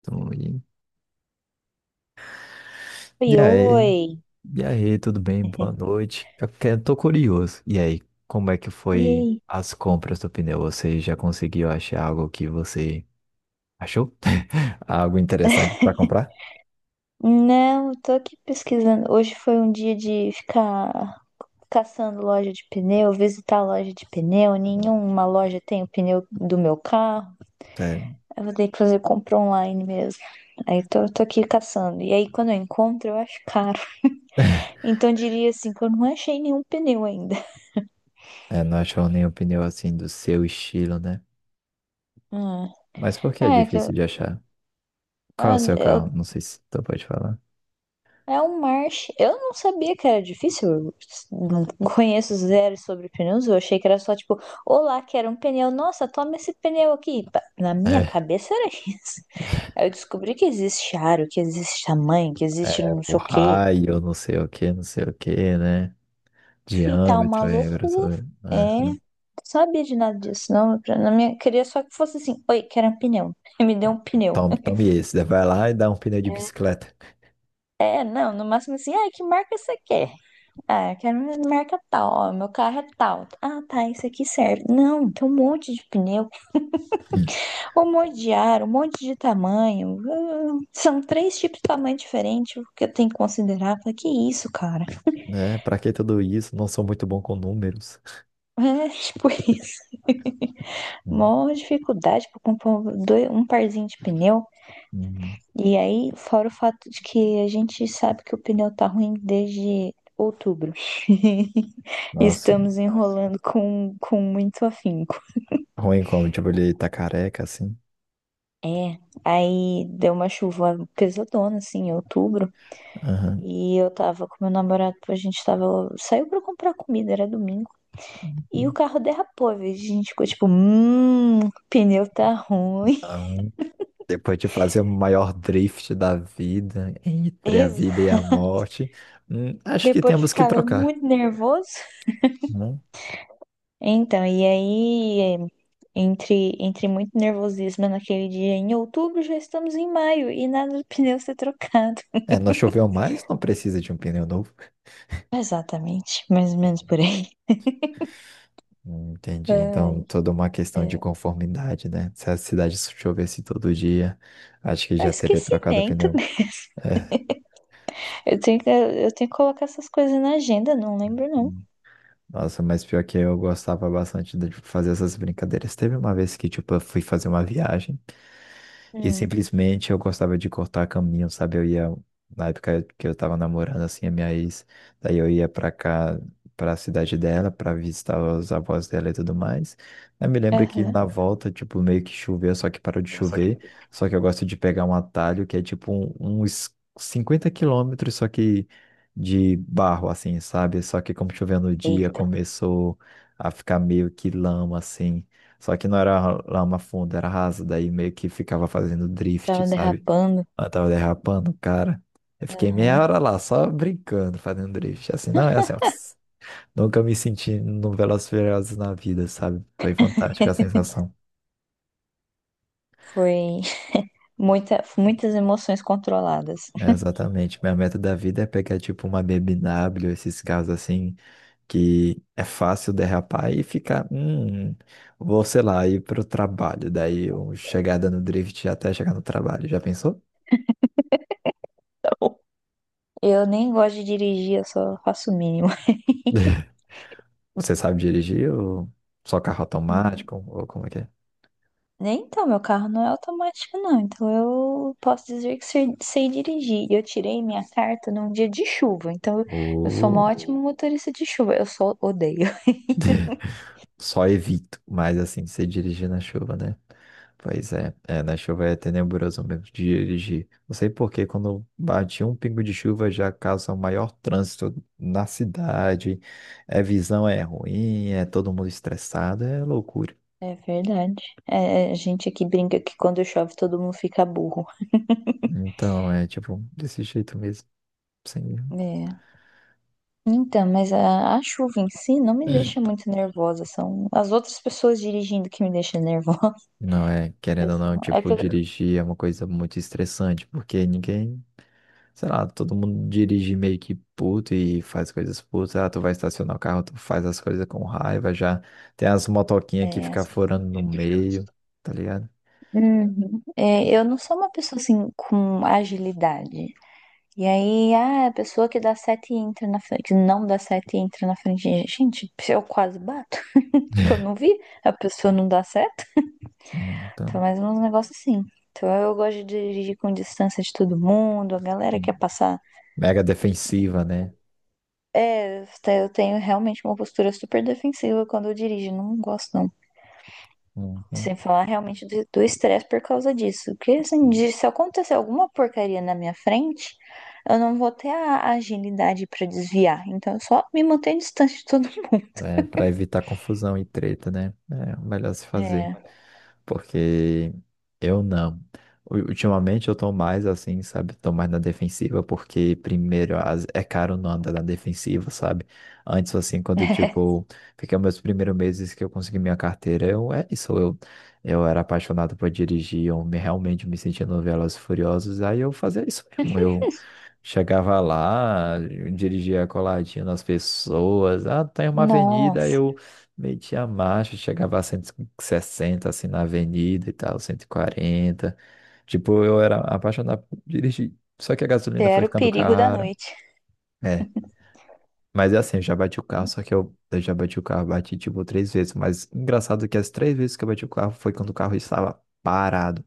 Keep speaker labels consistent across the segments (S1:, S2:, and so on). S1: Então, E
S2: Oi,
S1: e aí?
S2: oi.
S1: E aí, tudo bem? Boa noite. Tô curioso. E aí, como é que foi
S2: Ei.
S1: as compras do pneu? Você já conseguiu achar algo que você achou? Algo interessante para comprar?
S2: Não, eu tô aqui pesquisando. Hoje foi um dia de ficar caçando loja de pneu, visitar loja de pneu. Nenhuma loja tem o pneu do meu carro.
S1: É,
S2: Eu vou ter que fazer compra online mesmo. Aí tô aqui caçando. E aí, quando eu encontro, eu acho caro. Então, eu diria assim, que eu não achei nenhum pneu ainda.
S1: não achou nenhum pneu assim do seu estilo, né?
S2: Hum.
S1: Mas por que é
S2: É, que eu,
S1: difícil de achar? Qual é o
S2: ah,
S1: seu
S2: eu
S1: carro? Não sei se tu pode falar.
S2: É um marche. Eu não sabia que era difícil. Eu não conheço zero sobre pneus. Eu achei que era só tipo, olá, quero um pneu. Nossa, toma esse pneu aqui. Na minha
S1: É,
S2: cabeça era isso. Aí eu descobri que existe aro, que existe tamanho, que existe
S1: é
S2: não
S1: o
S2: sei o quê.
S1: raio, não sei o que, não sei o que, né?
S2: Enfim, tá uma
S1: Diâmetro, é,
S2: loucura.
S1: grossura.
S2: É, não sabia de nada disso. Não, na minha, queria só que fosse assim, oi, quero um pneu. Me deu um pneu.
S1: Tome, tome esse. Daí vai lá e dá um pneu de bicicleta.
S2: É, não, no máximo assim, ai, que marca você quer? Ah, eu quero uma marca tal, ó, meu carro é tal. Ah, tá, isso aqui serve. Não, tem um monte de pneu, um monte de ar, um monte de tamanho. Ah, são três tipos de tamanho diferente que eu tenho que considerar. Falei, que isso, cara?
S1: Né? Pra que tudo isso? Não sou muito bom com números.
S2: É, tipo isso.
S1: Uhum.
S2: Mó dificuldade pra comprar um parzinho de pneu.
S1: Uhum.
S2: E aí, fora o fato de que a gente sabe que o pneu tá ruim desde outubro.
S1: Nossa,
S2: Estamos enrolando com muito afinco.
S1: ruim como, tipo, ele tá careca, assim.
S2: É, aí deu uma chuva pesadona, assim, em outubro.
S1: Aham.
S2: E eu tava com meu namorado, saiu pra comprar comida, era domingo. E o carro derrapou, a gente ficou tipo, o pneu tá ruim.
S1: Aham. Depois de fazer o maior drift da vida, entre a vida e
S2: Exa-
S1: a morte, acho que
S2: Depois de
S1: temos que
S2: ficar
S1: trocar,
S2: muito nervoso.
S1: né?
S2: Então, e aí, entre muito nervosismo naquele dia, em outubro já estamos em maio e nada do pneu ser trocado.
S1: É, não choveu mais, não precisa de um pneu novo.
S2: Exatamente, mais ou menos por aí.
S1: Entendi.
S2: Ai,
S1: Então, toda uma questão de
S2: é,
S1: conformidade, né? Se a cidade chovesse todo dia, acho que
S2: é
S1: já teria trocado o
S2: esquecimento.
S1: pneu. É.
S2: Eu tenho que colocar essas coisas na agenda, não lembro não.
S1: Uhum. Nossa, mas pior que eu gostava bastante de fazer essas brincadeiras. Teve uma vez que, tipo, eu fui fazer uma viagem. E
S2: Hum,
S1: simplesmente eu gostava de cortar caminho, sabe? Eu ia, na época que eu tava namorando, assim, a minha ex, daí eu ia pra cá, pra cidade dela, pra visitar os avós dela e tudo mais. Eu me lembro que
S2: aham.
S1: na volta, tipo, meio que choveu, só que parou de chover. Só que eu gosto de pegar um atalho que é uns 50 quilômetros, só que de barro, assim, sabe? Só que como choveu no dia,
S2: Eita,
S1: começou a ficar meio que lama, assim. Só que não era lama funda, era rasa daí meio que ficava fazendo drift,
S2: tava
S1: sabe?
S2: derrapando.
S1: Eu tava derrapando, cara. Eu fiquei meia
S2: Aham.
S1: hora lá, só brincando, fazendo drift. Assim, não, é assim, ó, nunca me senti no Velozes e Furiosos na vida, sabe? Foi fantástica a sensação.
S2: Foi muitas emoções controladas.
S1: É, exatamente. Minha meta da vida é pegar, tipo, uma BMW, esses carros assim, que é fácil derrapar e ficar, vou, sei lá, ir pro trabalho. Daí, eu chegar dando drift até chegar no trabalho. Já pensou?
S2: Eu nem gosto de dirigir, eu só faço o mínimo.
S1: Você sabe dirigir ou só carro automático? Ou como é que é?
S2: Nem então, meu carro não é automático, não. Então eu posso dizer que sei dirigir. E eu tirei minha carta num dia de chuva. Eu sou uma
S1: Ou...
S2: ótima motorista de chuva. Eu só odeio.
S1: Só evito, mas assim, você dirigir na chuva, né? Pois é, é, na chuva é tenebroso mesmo de dirigir. Não sei por que quando bate um pingo de chuva já causa um maior trânsito na cidade, é visão é ruim, é todo mundo estressado, é loucura.
S2: É verdade. É, a gente aqui brinca que quando chove todo mundo fica burro.
S1: Então, é tipo, desse jeito mesmo. Sim.
S2: É. Então, mas a chuva em si não me deixa muito nervosa. São as outras pessoas dirigindo que me deixam nervosa.
S1: Não é,
S2: Eu
S1: querendo ou não,
S2: sou- É
S1: tipo,
S2: que eu,
S1: dirigir é uma coisa muito estressante, porque ninguém... Sei lá, todo mundo dirige meio que puto e faz coisas putas. Ah, tu vai estacionar o carro, tu faz as coisas com raiva já. Tem as motoquinhas que
S2: é,
S1: fica furando no meio, tá ligado?
S2: Uhum. É, eu não sou uma pessoa assim com agilidade. E aí, ah, a pessoa que dá sete e entra na frente, que não dá sete e entra na frente. Gente, se eu quase bato, que eu não vi, a pessoa não dá seta.
S1: Uhum, tá.
S2: Então, mais uns negócios assim. Então, eu gosto de dirigir com distância de todo mundo, a galera quer
S1: Uhum.
S2: passar.
S1: Mega defensiva, né?
S2: É, eu tenho realmente uma postura super defensiva quando eu dirijo, não gosto não.
S1: Uhum.
S2: Sem falar realmente do estresse por causa disso. Porque assim, se acontecer alguma porcaria na minha frente, eu não vou ter a agilidade pra desviar. Então eu só me mantenho distante de todo mundo.
S1: É, pra evitar confusão e treta, né? É o melhor se fazer.
S2: É.
S1: Porque eu não. Ultimamente eu tô mais assim, sabe? Tô mais na defensiva, porque primeiro é caro não andar na defensiva, sabe? Antes, assim, quando tipo, fiquei meus primeiros meses que eu consegui minha carteira, eu é isso, eu era apaixonado por dirigir, realmente me sentia no Velozes e Furiosos, aí eu fazia isso mesmo, eu chegava lá, dirigia a coladinha nas pessoas. Ah, tem uma avenida,
S2: Nossa,
S1: eu metia a marcha, chegava a 160 assim na avenida e tal, 140. Tipo, eu era apaixonado por dirigir. Só que a
S2: esse
S1: gasolina foi
S2: era o
S1: ficando
S2: perigo da
S1: cara.
S2: noite.
S1: É. Mas é assim, eu já bati o carro, só que eu já bati o carro, bati tipo três vezes. Mas engraçado que as três vezes que eu bati o carro foi quando o carro estava parado.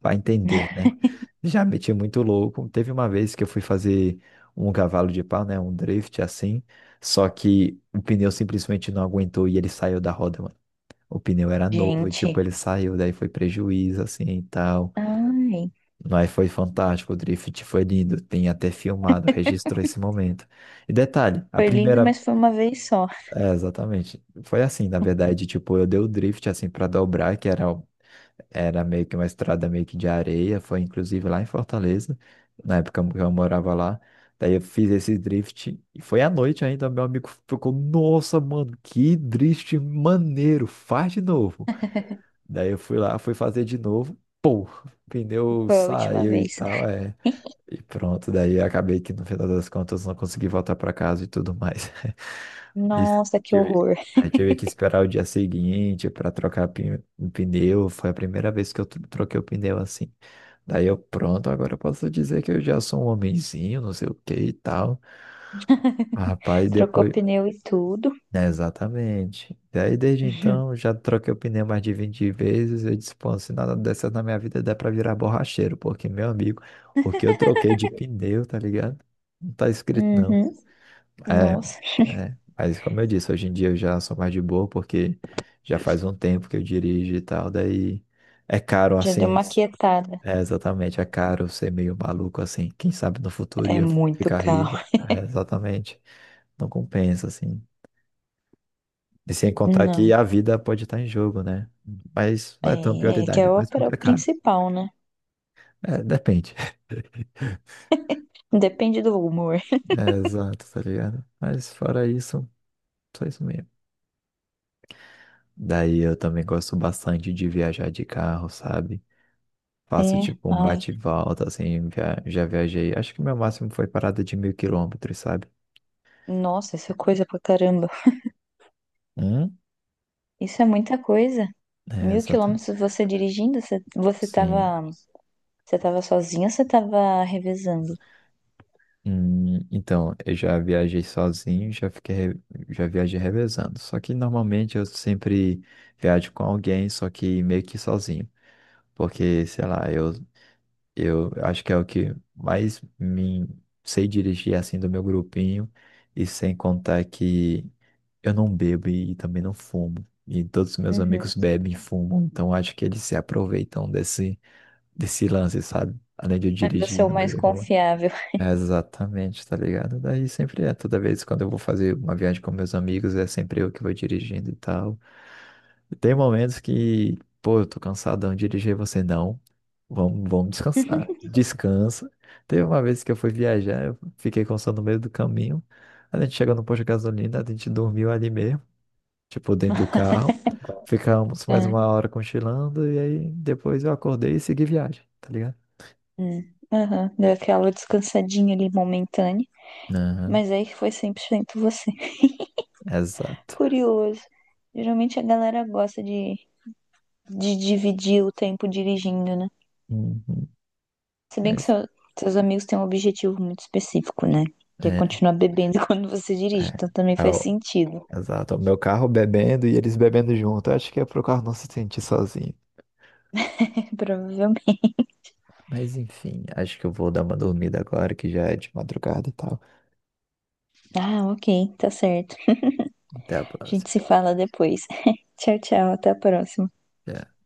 S1: Vai entender, né? Já meti muito louco. Teve uma vez que eu fui fazer um cavalo de pau, né? Um drift assim. Só que o pneu simplesmente não aguentou e ele saiu da roda, mano. O pneu era novo, e, tipo,
S2: Gente.
S1: ele saiu, daí foi prejuízo, assim, e tal.
S2: Ai.
S1: Mas foi fantástico, o drift foi lindo. Tem até filmado, registrou esse momento. E detalhe, a
S2: Foi lindo,
S1: primeira...
S2: mas foi uma vez só.
S1: É, exatamente. Foi assim, na verdade, tipo, eu dei o drift, assim, pra dobrar, que era meio que uma estrada meio que de areia, foi inclusive lá em Fortaleza, na época que eu morava lá. Daí eu fiz esse drift e foi à noite ainda, meu amigo ficou, nossa, mano, que drift maneiro, faz de novo. Daí eu fui lá, fui fazer de novo, pô, pneu
S2: Foi a última
S1: saiu e
S2: vez.
S1: tal, é. E pronto, daí eu acabei que no final das contas não consegui voltar pra casa e tudo mais. Isso.
S2: Nossa, que
S1: Tive,
S2: horror.
S1: é, tive que esperar o dia seguinte para o pneu. Foi a primeira vez que eu troquei o pneu assim. Daí eu, pronto, agora eu posso dizer que eu já sou um homenzinho, não sei o que e tal. Mas, rapaz,
S2: Trocou
S1: depois.
S2: pneu e tudo.
S1: É, exatamente. Daí desde então já troquei o pneu mais de 20 vezes. Eu disse, pô, se nada dessas na minha vida dá pra virar borracheiro, porque, meu amigo, o que eu troquei de pneu, tá ligado? Não tá escrito, não.
S2: Uhum. Uhum. Nossa.
S1: É, é, mas como eu disse, hoje em dia eu já sou mais de boa porque já faz um tempo que eu dirijo e tal, daí é caro
S2: Já deu
S1: assim,
S2: uma quietada.
S1: é, exatamente, é caro ser meio maluco assim, quem sabe no futuro
S2: É
S1: ia
S2: muito
S1: ficar
S2: carro.
S1: rico, é, exatamente, não compensa assim. E sem contar
S2: Não,
S1: que a vida pode estar em jogo, né? Mas não
S2: é,
S1: é tão
S2: é que
S1: prioridade,
S2: é
S1: é
S2: o
S1: mais porque é caro.
S2: principal, né?
S1: É, depende.
S2: Depende do humor.
S1: É, exato, tá ligado? Mas fora isso, só isso mesmo. Daí eu também gosto bastante de viajar de carro, sabe? Faço
S2: É,
S1: tipo um
S2: ai.
S1: bate e volta, assim, já viajei. Acho que meu máximo foi parada de 1.000 quilômetros, sabe?
S2: Nossa, isso é coisa pra caramba.
S1: Hum?
S2: Isso é muita coisa.
S1: É,
S2: Mil
S1: exato.
S2: quilômetros você dirigindo,
S1: Sim.
S2: você tava sozinho ou você tava revezando?
S1: Então, eu já viajei sozinho, já viajei revezando. Só que normalmente eu sempre viajo com alguém, só que meio que sozinho. Porque, sei lá, eu... Eu acho que é o que mais me... Sei dirigir assim do meu grupinho, e sem contar que eu não bebo e também não fumo. E todos os meus
S2: Uhum.
S1: amigos bebem e fumam, então acho que eles se aproveitam desse, desse lance, sabe? Além de eu
S2: Aí você é
S1: dirigir,
S2: o
S1: não
S2: mais
S1: beber e fumar.
S2: confiável.
S1: É, exatamente, tá ligado? Daí sempre é, toda vez quando eu vou fazer uma viagem com meus amigos, é sempre eu que vou dirigindo e tal. Tem momentos que, pô, eu tô cansadão, de dirigir você não. Vamos, vamos descansar. Descansa. Teve uma vez que eu fui viajar, eu fiquei cansado no meio do caminho. A gente chegou no posto de gasolina, a gente dormiu ali mesmo, tipo, dentro do carro. Ficamos mais uma
S2: É.
S1: hora cochilando e aí depois eu acordei e segui viagem, tá ligado?
S2: Aham, deu aquela descansadinha ali momentânea,
S1: Aham,
S2: mas aí foi 100% você.
S1: exato.
S2: Curioso. Geralmente a galera gosta de dividir o tempo dirigindo, né?
S1: Uhum.
S2: Se bem que
S1: Mas
S2: seus amigos têm um objetivo muito específico, né? Que é
S1: é,
S2: continuar bebendo quando você dirige,
S1: é,
S2: então também
S1: é
S2: faz
S1: o-
S2: sentido.
S1: exato. É o meu carro bebendo e eles bebendo junto. Eu acho que é pro carro não se sentir sozinho.
S2: Provavelmente.
S1: Mas enfim, acho que eu vou dar uma dormida agora que já é de madrugada e tal.
S2: Ah, ok, tá certo.
S1: Até a
S2: A
S1: próxima.
S2: gente se fala depois. Tchau, tchau, até a próxima.
S1: Tchau.